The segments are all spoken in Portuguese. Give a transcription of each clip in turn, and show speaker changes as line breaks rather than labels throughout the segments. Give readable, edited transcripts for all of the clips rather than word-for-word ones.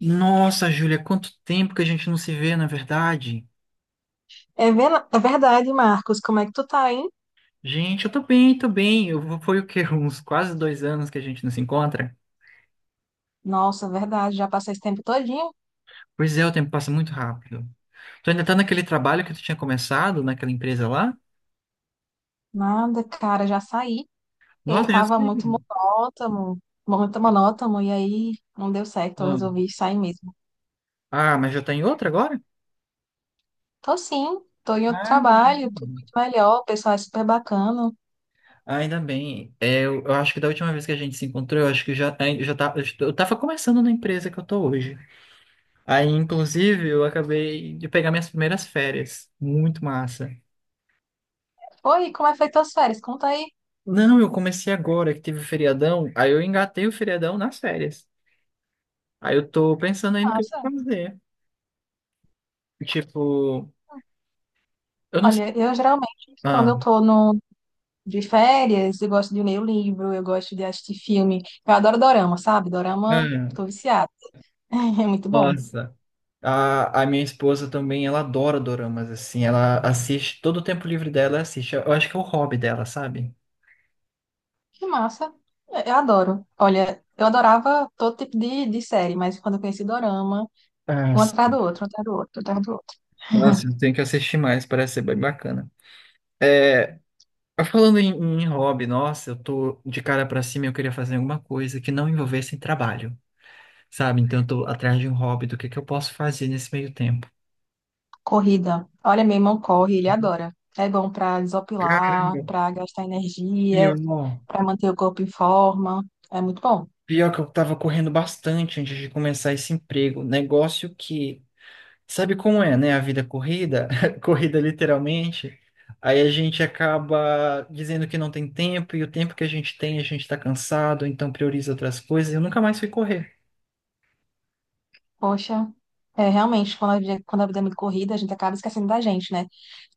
Nossa, Júlia, quanto tempo que a gente não se vê, na verdade.
É, é verdade, Marcos. Como é que tu tá, hein?
Gente, eu tô bem, tô bem. Foi o quê? Uns quase 2 anos que a gente não se encontra?
Nossa, é verdade. Já passei esse tempo todinho.
Pois é, o tempo passa muito rápido. Tu ainda tá naquele trabalho que tu tinha começado, naquela empresa lá?
Nada, cara, já saí. Ele
Nossa, já
tava
sei.
muito monótono, e aí não deu certo. Eu
Não.
resolvi sair mesmo.
Ah, mas já tá em outra agora?
Tô sim, tô em outro
Ah, ainda
trabalho, tudo
bem.
muito melhor. O pessoal é super bacana.
Ainda bem. É, eu acho que da última vez que a gente se encontrou, eu acho que já, ai, já tá, eu tava começando na empresa que eu tô hoje. Aí, inclusive, eu acabei de pegar minhas primeiras férias. Muito massa.
Oi, como é feito as férias? Conta aí.
Não, eu comecei agora que teve o feriadão, aí eu engatei o feriadão nas férias. Aí eu tô pensando ainda o que eu
Nossa.
vou fazer. Tipo, eu não sei.
Olha, eu geralmente, quando
Ah,
eu tô no, de férias, eu gosto de ler o livro, eu gosto de assistir filme. Eu adoro dorama, sabe? Dorama,
ah,
tô viciada. É muito bom.
nossa. A minha esposa também, ela adora doramas, assim. Ela assiste, todo o tempo livre dela ela assiste. Eu acho que é o hobby dela, sabe?
Que massa. É, eu adoro. Olha, eu adorava todo tipo de série, mas quando eu conheci Dorama,
Ah,
um atrás do
sim.
outro, um atrás do outro, um atrás do outro.
Nossa, eu tenho que assistir mais, parece ser bem bacana. É, falando em hobby, nossa, eu tô de cara pra cima, e eu queria fazer alguma coisa que não envolvesse trabalho. Sabe? Então eu tô atrás de um hobby, do que eu posso fazer nesse meio tempo.
Corrida. Olha, meu irmão corre, ele adora. É bom pra desopilar,
Caramba.
pra gastar
Pior,
energia,
ó,
pra manter o corpo em forma. É muito bom.
pior que eu tava correndo bastante antes de começar esse emprego. Negócio que, sabe como é, né? A vida é corrida, corrida literalmente. Aí a gente acaba dizendo que não tem tempo, e o tempo que a gente tem, a gente tá cansado, então prioriza outras coisas. E eu nunca mais fui correr.
Poxa, é realmente, quando a vida é muito corrida, a gente acaba esquecendo da gente, né?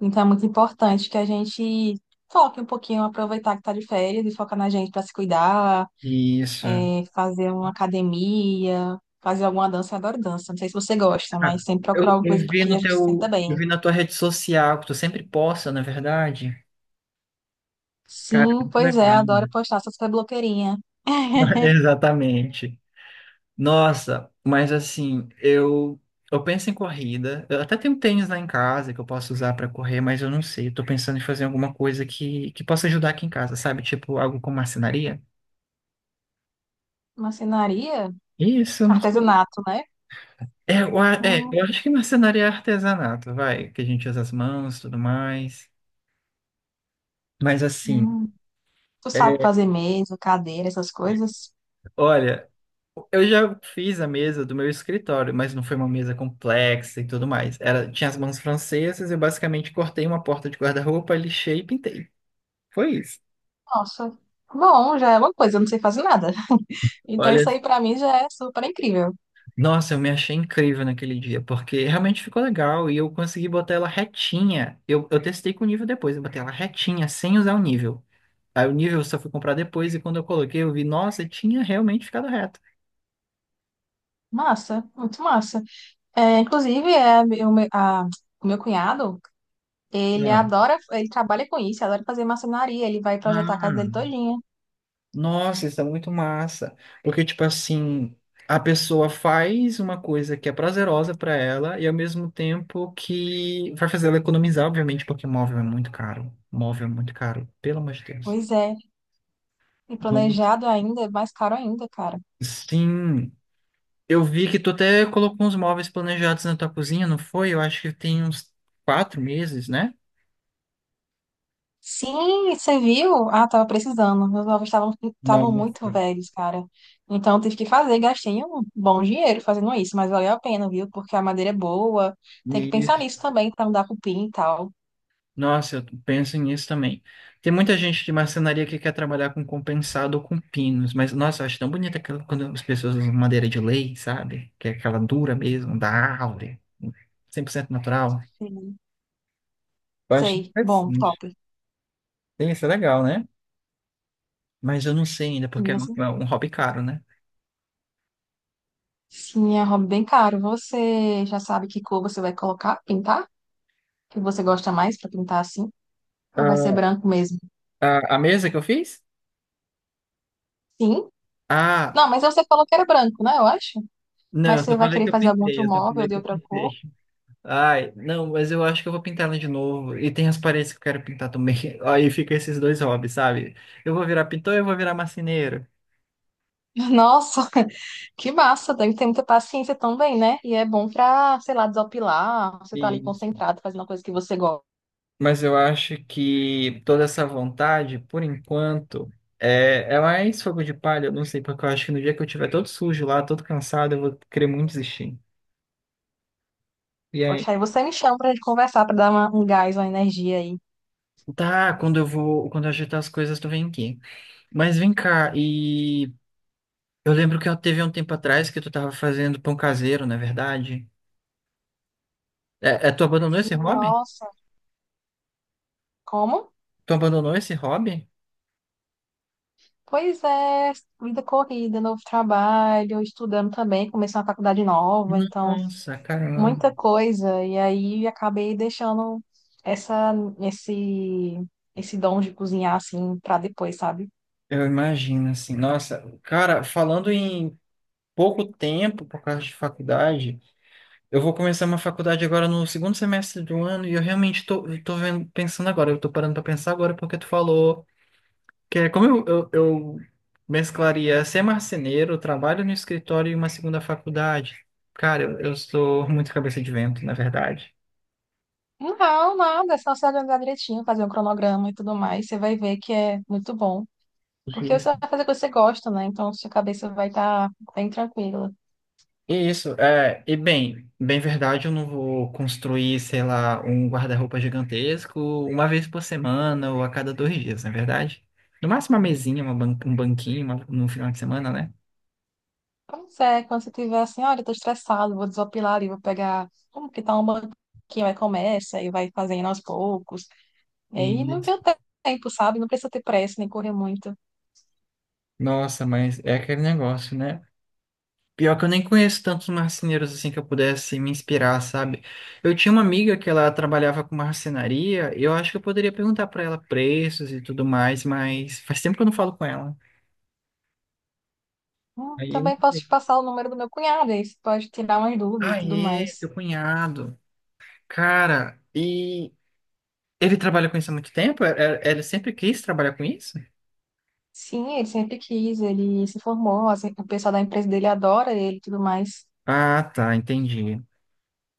Então é muito importante que a gente foque um pouquinho, aproveitar que tá de férias e focar na gente pra se cuidar.
Isso.
Fazer uma academia, fazer alguma dança. Eu adoro dança. Não sei se você gosta,
Ah,
mas sempre
Eu,
procurar alguma coisa
eu vi
porque
no
a gente se senta
teu, eu
bem.
vi na tua rede social, que tu sempre posta, na verdade. Cara,
Sim,
muito
pois é,
legal.
adoro postar, essas super blogueirinha.
Exatamente. Nossa, mas assim, eu penso em corrida. Eu até tenho tênis lá em casa que eu posso usar para correr, mas eu não sei. Eu tô pensando em fazer alguma coisa que possa ajudar aqui em casa, sabe? Tipo algo com marcenaria.
Marcenaria?
Isso, eu não sei.
Artesanato, né?
É, eu
Hum,
acho que marcenaria é artesanato, vai, que a gente usa as mãos, tudo mais. Mas assim,
hum. Tu
é,
sabe fazer mesa, cadeira, essas coisas?
olha. Eu já fiz a mesa do meu escritório, mas não foi uma mesa complexa e tudo mais. Tinha as mãos francesas, eu basicamente cortei uma porta de guarda-roupa, lixei e pintei. Foi isso.
Nossa, bom, já é uma coisa, eu não sei fazer nada. Então
Olha,
isso aí pra mim já é super incrível.
nossa, eu me achei incrível naquele dia, porque realmente ficou legal e eu consegui botar ela retinha. Eu testei com o nível depois, eu botei ela retinha, sem usar o nível. Aí o nível eu só fui comprar depois e quando eu coloquei, eu vi, nossa, tinha realmente ficado reto.
Massa, muito massa. É, inclusive, é, o meu, a- o meu cunhado. Ele
Ah,
adora, ele trabalha com isso, adora fazer marcenaria, ele vai projetar a casa dele
Ah.
todinha.
Nossa, isso é muito massa. Porque, tipo assim, a pessoa faz uma coisa que é prazerosa pra ela e ao mesmo tempo que vai fazer ela economizar, obviamente, porque móvel é muito caro. Móvel é muito caro, pelo amor de Deus.
Pois é, e
Vamos.
planejado ainda, é mais caro ainda, cara.
Sim, eu vi que tu até colocou uns móveis planejados na tua cozinha, não foi? Eu acho que tem uns 4 meses, né?
Sim, você viu? Ah, tava precisando. Meus móveis estavam muito
Nossa.
velhos, cara. Então eu tive que fazer, gastei um bom dinheiro fazendo isso, mas valeu a pena, viu? Porque a madeira é boa. Tem que pensar nisso também pra não dar cupim e tal.
Nossa, eu penso nisso também. Tem muita gente de marcenaria que quer trabalhar com compensado ou com pinos, mas nossa, eu acho tão bonita quando as pessoas usam madeira de lei, sabe? Que é aquela dura mesmo, da árvore, 100% natural.
Sim.
Eu acho
Sei. Bom, top.
interessante. Tem Isso é legal, né? Mas eu não sei ainda, porque é
Sim,
um,
assim.
é um hobby caro, né?
Sim, é um hobby bem caro. Você já sabe que cor você vai colocar, pintar? Que você gosta mais pra pintar assim? Ou vai ser
A,
branco mesmo?
a mesa que eu fiz?
Sim. Não,
Ah,
mas você falou que era branco, né? Eu acho.
não,
Mas
eu
você
só
vai
falei
querer
que eu
fazer algum
pintei,
outro
eu só
móvel
falei
de
que eu
outra cor?
pintei. Ai, não, mas eu acho que eu vou pintar ela de novo. E tem as paredes que eu quero pintar também. Aí fica esses dois hobbies, sabe? Eu vou virar pintor e eu vou virar marceneiro.
Nossa, que massa! Deve ter muita paciência também, né? E é bom pra, sei lá, desopilar. Você tá ali
E-
concentrado, fazendo uma coisa que você gosta.
Mas eu acho que toda essa vontade, por enquanto, é mais fogo de palha. Eu não sei, porque eu acho que no dia que eu tiver todo sujo lá, todo cansado, eu vou querer muito desistir. E aí,
Poxa, aí você me chama pra gente conversar, pra dar um gás, uma energia aí.
tá, quando eu ajeitar as coisas, tu vem aqui. Mas vem cá, e eu lembro que eu teve um tempo atrás que tu tava fazendo pão caseiro, não é verdade? É, tu abandonou esse
Sim,
hobby?
nossa. Como?
Tu abandonou esse hobby?
Pois é, vida corrida, novo trabalho, estudando também, comecei uma faculdade nova, então
Nossa, caramba.
muita coisa e aí acabei deixando essa esse esse dom de cozinhar assim pra depois, sabe?
Eu imagino assim. Nossa, cara, falando em pouco tempo por causa de faculdade, eu vou começar uma faculdade agora no segundo semestre do ano e eu tô vendo, pensando agora, eu tô parando pra pensar agora porque tu falou que é como eu mesclaria ser marceneiro, trabalho no escritório e uma segunda faculdade. Cara, eu sou muito cabeça de vento, na verdade.
Não, nada, é só se organizar direitinho, fazer um cronograma e tudo mais, você vai ver que é muito bom. Porque você vai fazer o que você gosta, né? Então sua cabeça vai estar bem tranquila.
Isso, é, e bem, bem verdade, eu não vou construir, sei lá, um guarda-roupa gigantesco uma vez por semana ou a cada 2 dias, não é verdade? No máximo uma mesinha, um banquinho no final de semana, né?
Pois é, quando você tiver assim, olha, eu tô estressado, vou desopilar ali, vou pegar como que tá um banquinho, aí começa e vai fazendo aos poucos. E
E,
aí não tem o tempo, sabe? Não precisa ter pressa nem correr muito.
nossa, mas é aquele negócio, né? Pior que eu nem conheço tantos marceneiros assim que eu pudesse me inspirar, sabe? Eu tinha uma amiga que ela trabalhava com marcenaria, e eu acho que eu poderia perguntar pra ela preços e tudo mais, mas faz tempo que eu não falo com ela. Aí,
Também posso te passar o número do meu cunhado, aí você pode tirar umas dúvidas e tudo
aê,
mais.
teu cunhado. Cara, e ele trabalha com isso há muito tempo? Ele sempre quis trabalhar com isso?
Sim, ele sempre quis, ele se formou, assim, o pessoal da empresa dele adora ele e tudo mais.
Ah, tá, entendi.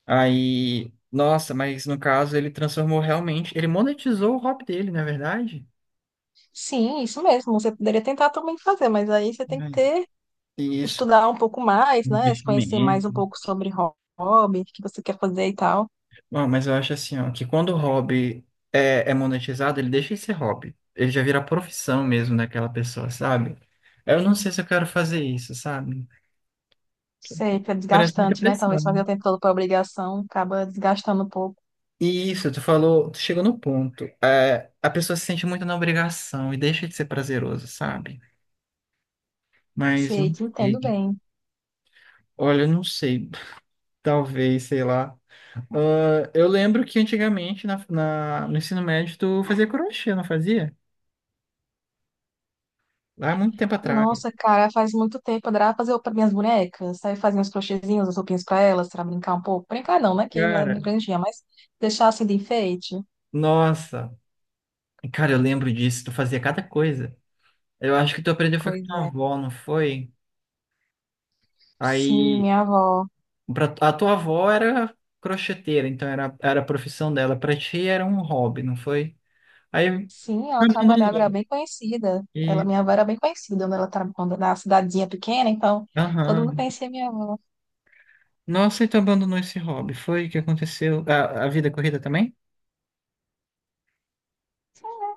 Aí, nossa, mas no caso ele transformou realmente, ele monetizou o hobby dele, não é verdade?
Sim, isso mesmo, você poderia tentar também fazer, mas aí você tem que
Ai,
ter,
isso,
estudar um pouco mais, né? Se conhecer
investimento.
mais um pouco sobre hobby, o que você quer fazer e tal.
Bom, mas eu acho assim, ó, que quando o hobby é, monetizado, ele deixa de ser hobby. Ele já vira profissão mesmo daquela pessoa, sabe? Eu não sei se eu quero fazer isso, sabe?
Sei que é
Parece muita
desgastante, né? Talvez fazer o
pressão.
tempo todo por obrigação acaba desgastando um pouco.
E isso, tu falou, tu chegou no ponto. É, a pessoa se sente muito na obrigação e deixa de ser prazeroso, sabe? Mas
Sei,
não
te entendo
sei.
bem.
Olha, eu não sei. Talvez, sei lá. Ah, eu lembro que antigamente na, no ensino médio tu fazia crochê, não fazia? Lá há muito tempo atrás.
Nossa, cara, faz muito tempo. Eu adorava fazer para minhas bonecas. Aí fazia uns crochêzinhos, as roupinhas para elas, para brincar um pouco. Brincar não, né? Que eu era
Cara,
bem grandinha, mas deixar assim de enfeite.
nossa. Cara, eu lembro disso. Tu fazia cada coisa. Eu acho que tu aprendeu foi com
Pois
tua
é.
avó, não foi?
Sim,
Aí
minha avó.
Pra, a tua avó era crocheteira, então era a profissão dela. Pra ti era um hobby, não foi? Aí
Sim, ela trabalhava, era
abandonou.
bem conhecida. Ela,
E,
minha avó era bem conhecida quando na cidadezinha pequena, então todo mundo
aham.
conhecia minha avó.
Nossa, e tu abandonou esse hobby. Foi o que aconteceu? A vida corrida também?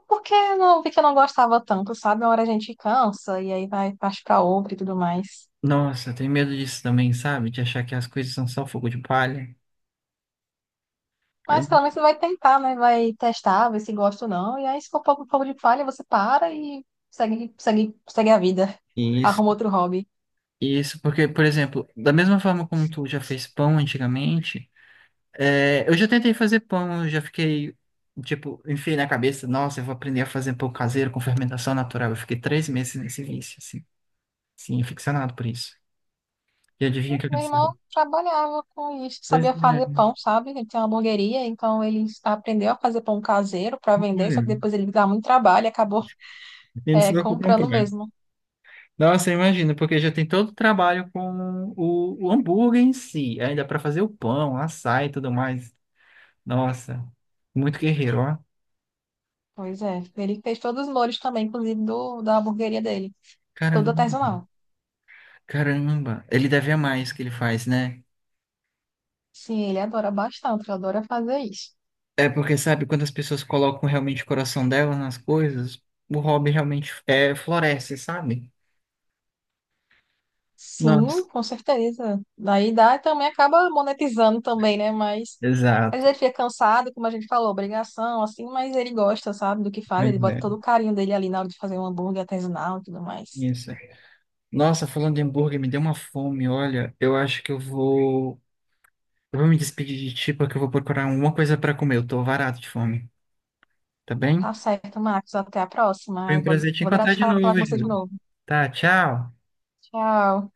Porque eu não vi que eu não gostava tanto, sabe? Uma hora a gente cansa e aí vai parte para outra e tudo mais.
Nossa, eu tenho medo disso também, sabe? De achar que as coisas são só fogo de palha. É,
Mas pelo menos você vai tentar, né? Vai testar, ver se gosta ou não. E aí, se for pouco pouco de falha, você para e segue, segue, segue a vida.
Isso,
Arruma outro hobby.
isso, porque, por exemplo, da mesma forma como tu já fez pão antigamente, é, eu já tentei fazer pão, eu já fiquei, tipo, enfiei na cabeça, nossa, eu vou aprender a fazer pão caseiro com fermentação natural. Eu fiquei 3 meses nesse vício, assim, sim, ficcionado por isso. E adivinha o que
Meu
aconteceu?
irmão trabalhava com isso,
Pois
sabia
é,
fazer
né?
pão, sabe? Ele tinha uma hamburgueria, então ele aprendeu a fazer pão caseiro para vender,
Olha,
só que depois ele dava muito trabalho e acabou
e não se
é,
preocupe com o
comprando
problema.
mesmo.
Nossa, imagina, porque já tem todo o trabalho com o, hambúrguer em si, ainda para fazer o pão, assar e tudo mais. Nossa, muito guerreiro, ó.
Pois é, ele fez todos os molhos também, inclusive do, da hamburgueria dele, todo
Caramba,
artesanal.
caramba. Ele deve amar isso que ele faz, né?
Sim, ele adora bastante, ele adora fazer isso.
É porque, sabe, quando as pessoas colocam realmente o coração delas nas coisas, o hobby realmente floresce, sabe? Nossa,
Sim, com certeza. Daí dá e também acaba monetizando também, né? Mas às
exato.
vezes ele fica cansado, como a gente falou, obrigação, assim, mas ele gosta, sabe, do que faz, ele bota todo o
Verdade.
carinho dele ali na hora de fazer um hambúrguer artesanal e tudo mais.
Isso. Nossa, falando de hambúrguer, me deu uma fome, olha. Eu acho que eu vou. Eu vou me despedir de ti, porque eu vou procurar alguma coisa para comer. Eu tô varado de fome, tá bem?
Tá certo, Marcos. Até a próxima.
Foi um
Eu
prazer te
vou adorar
encontrar
te
de
falar, falar
novo,
com você de
Júlio.
novo.
Tá, tchau.
Tchau.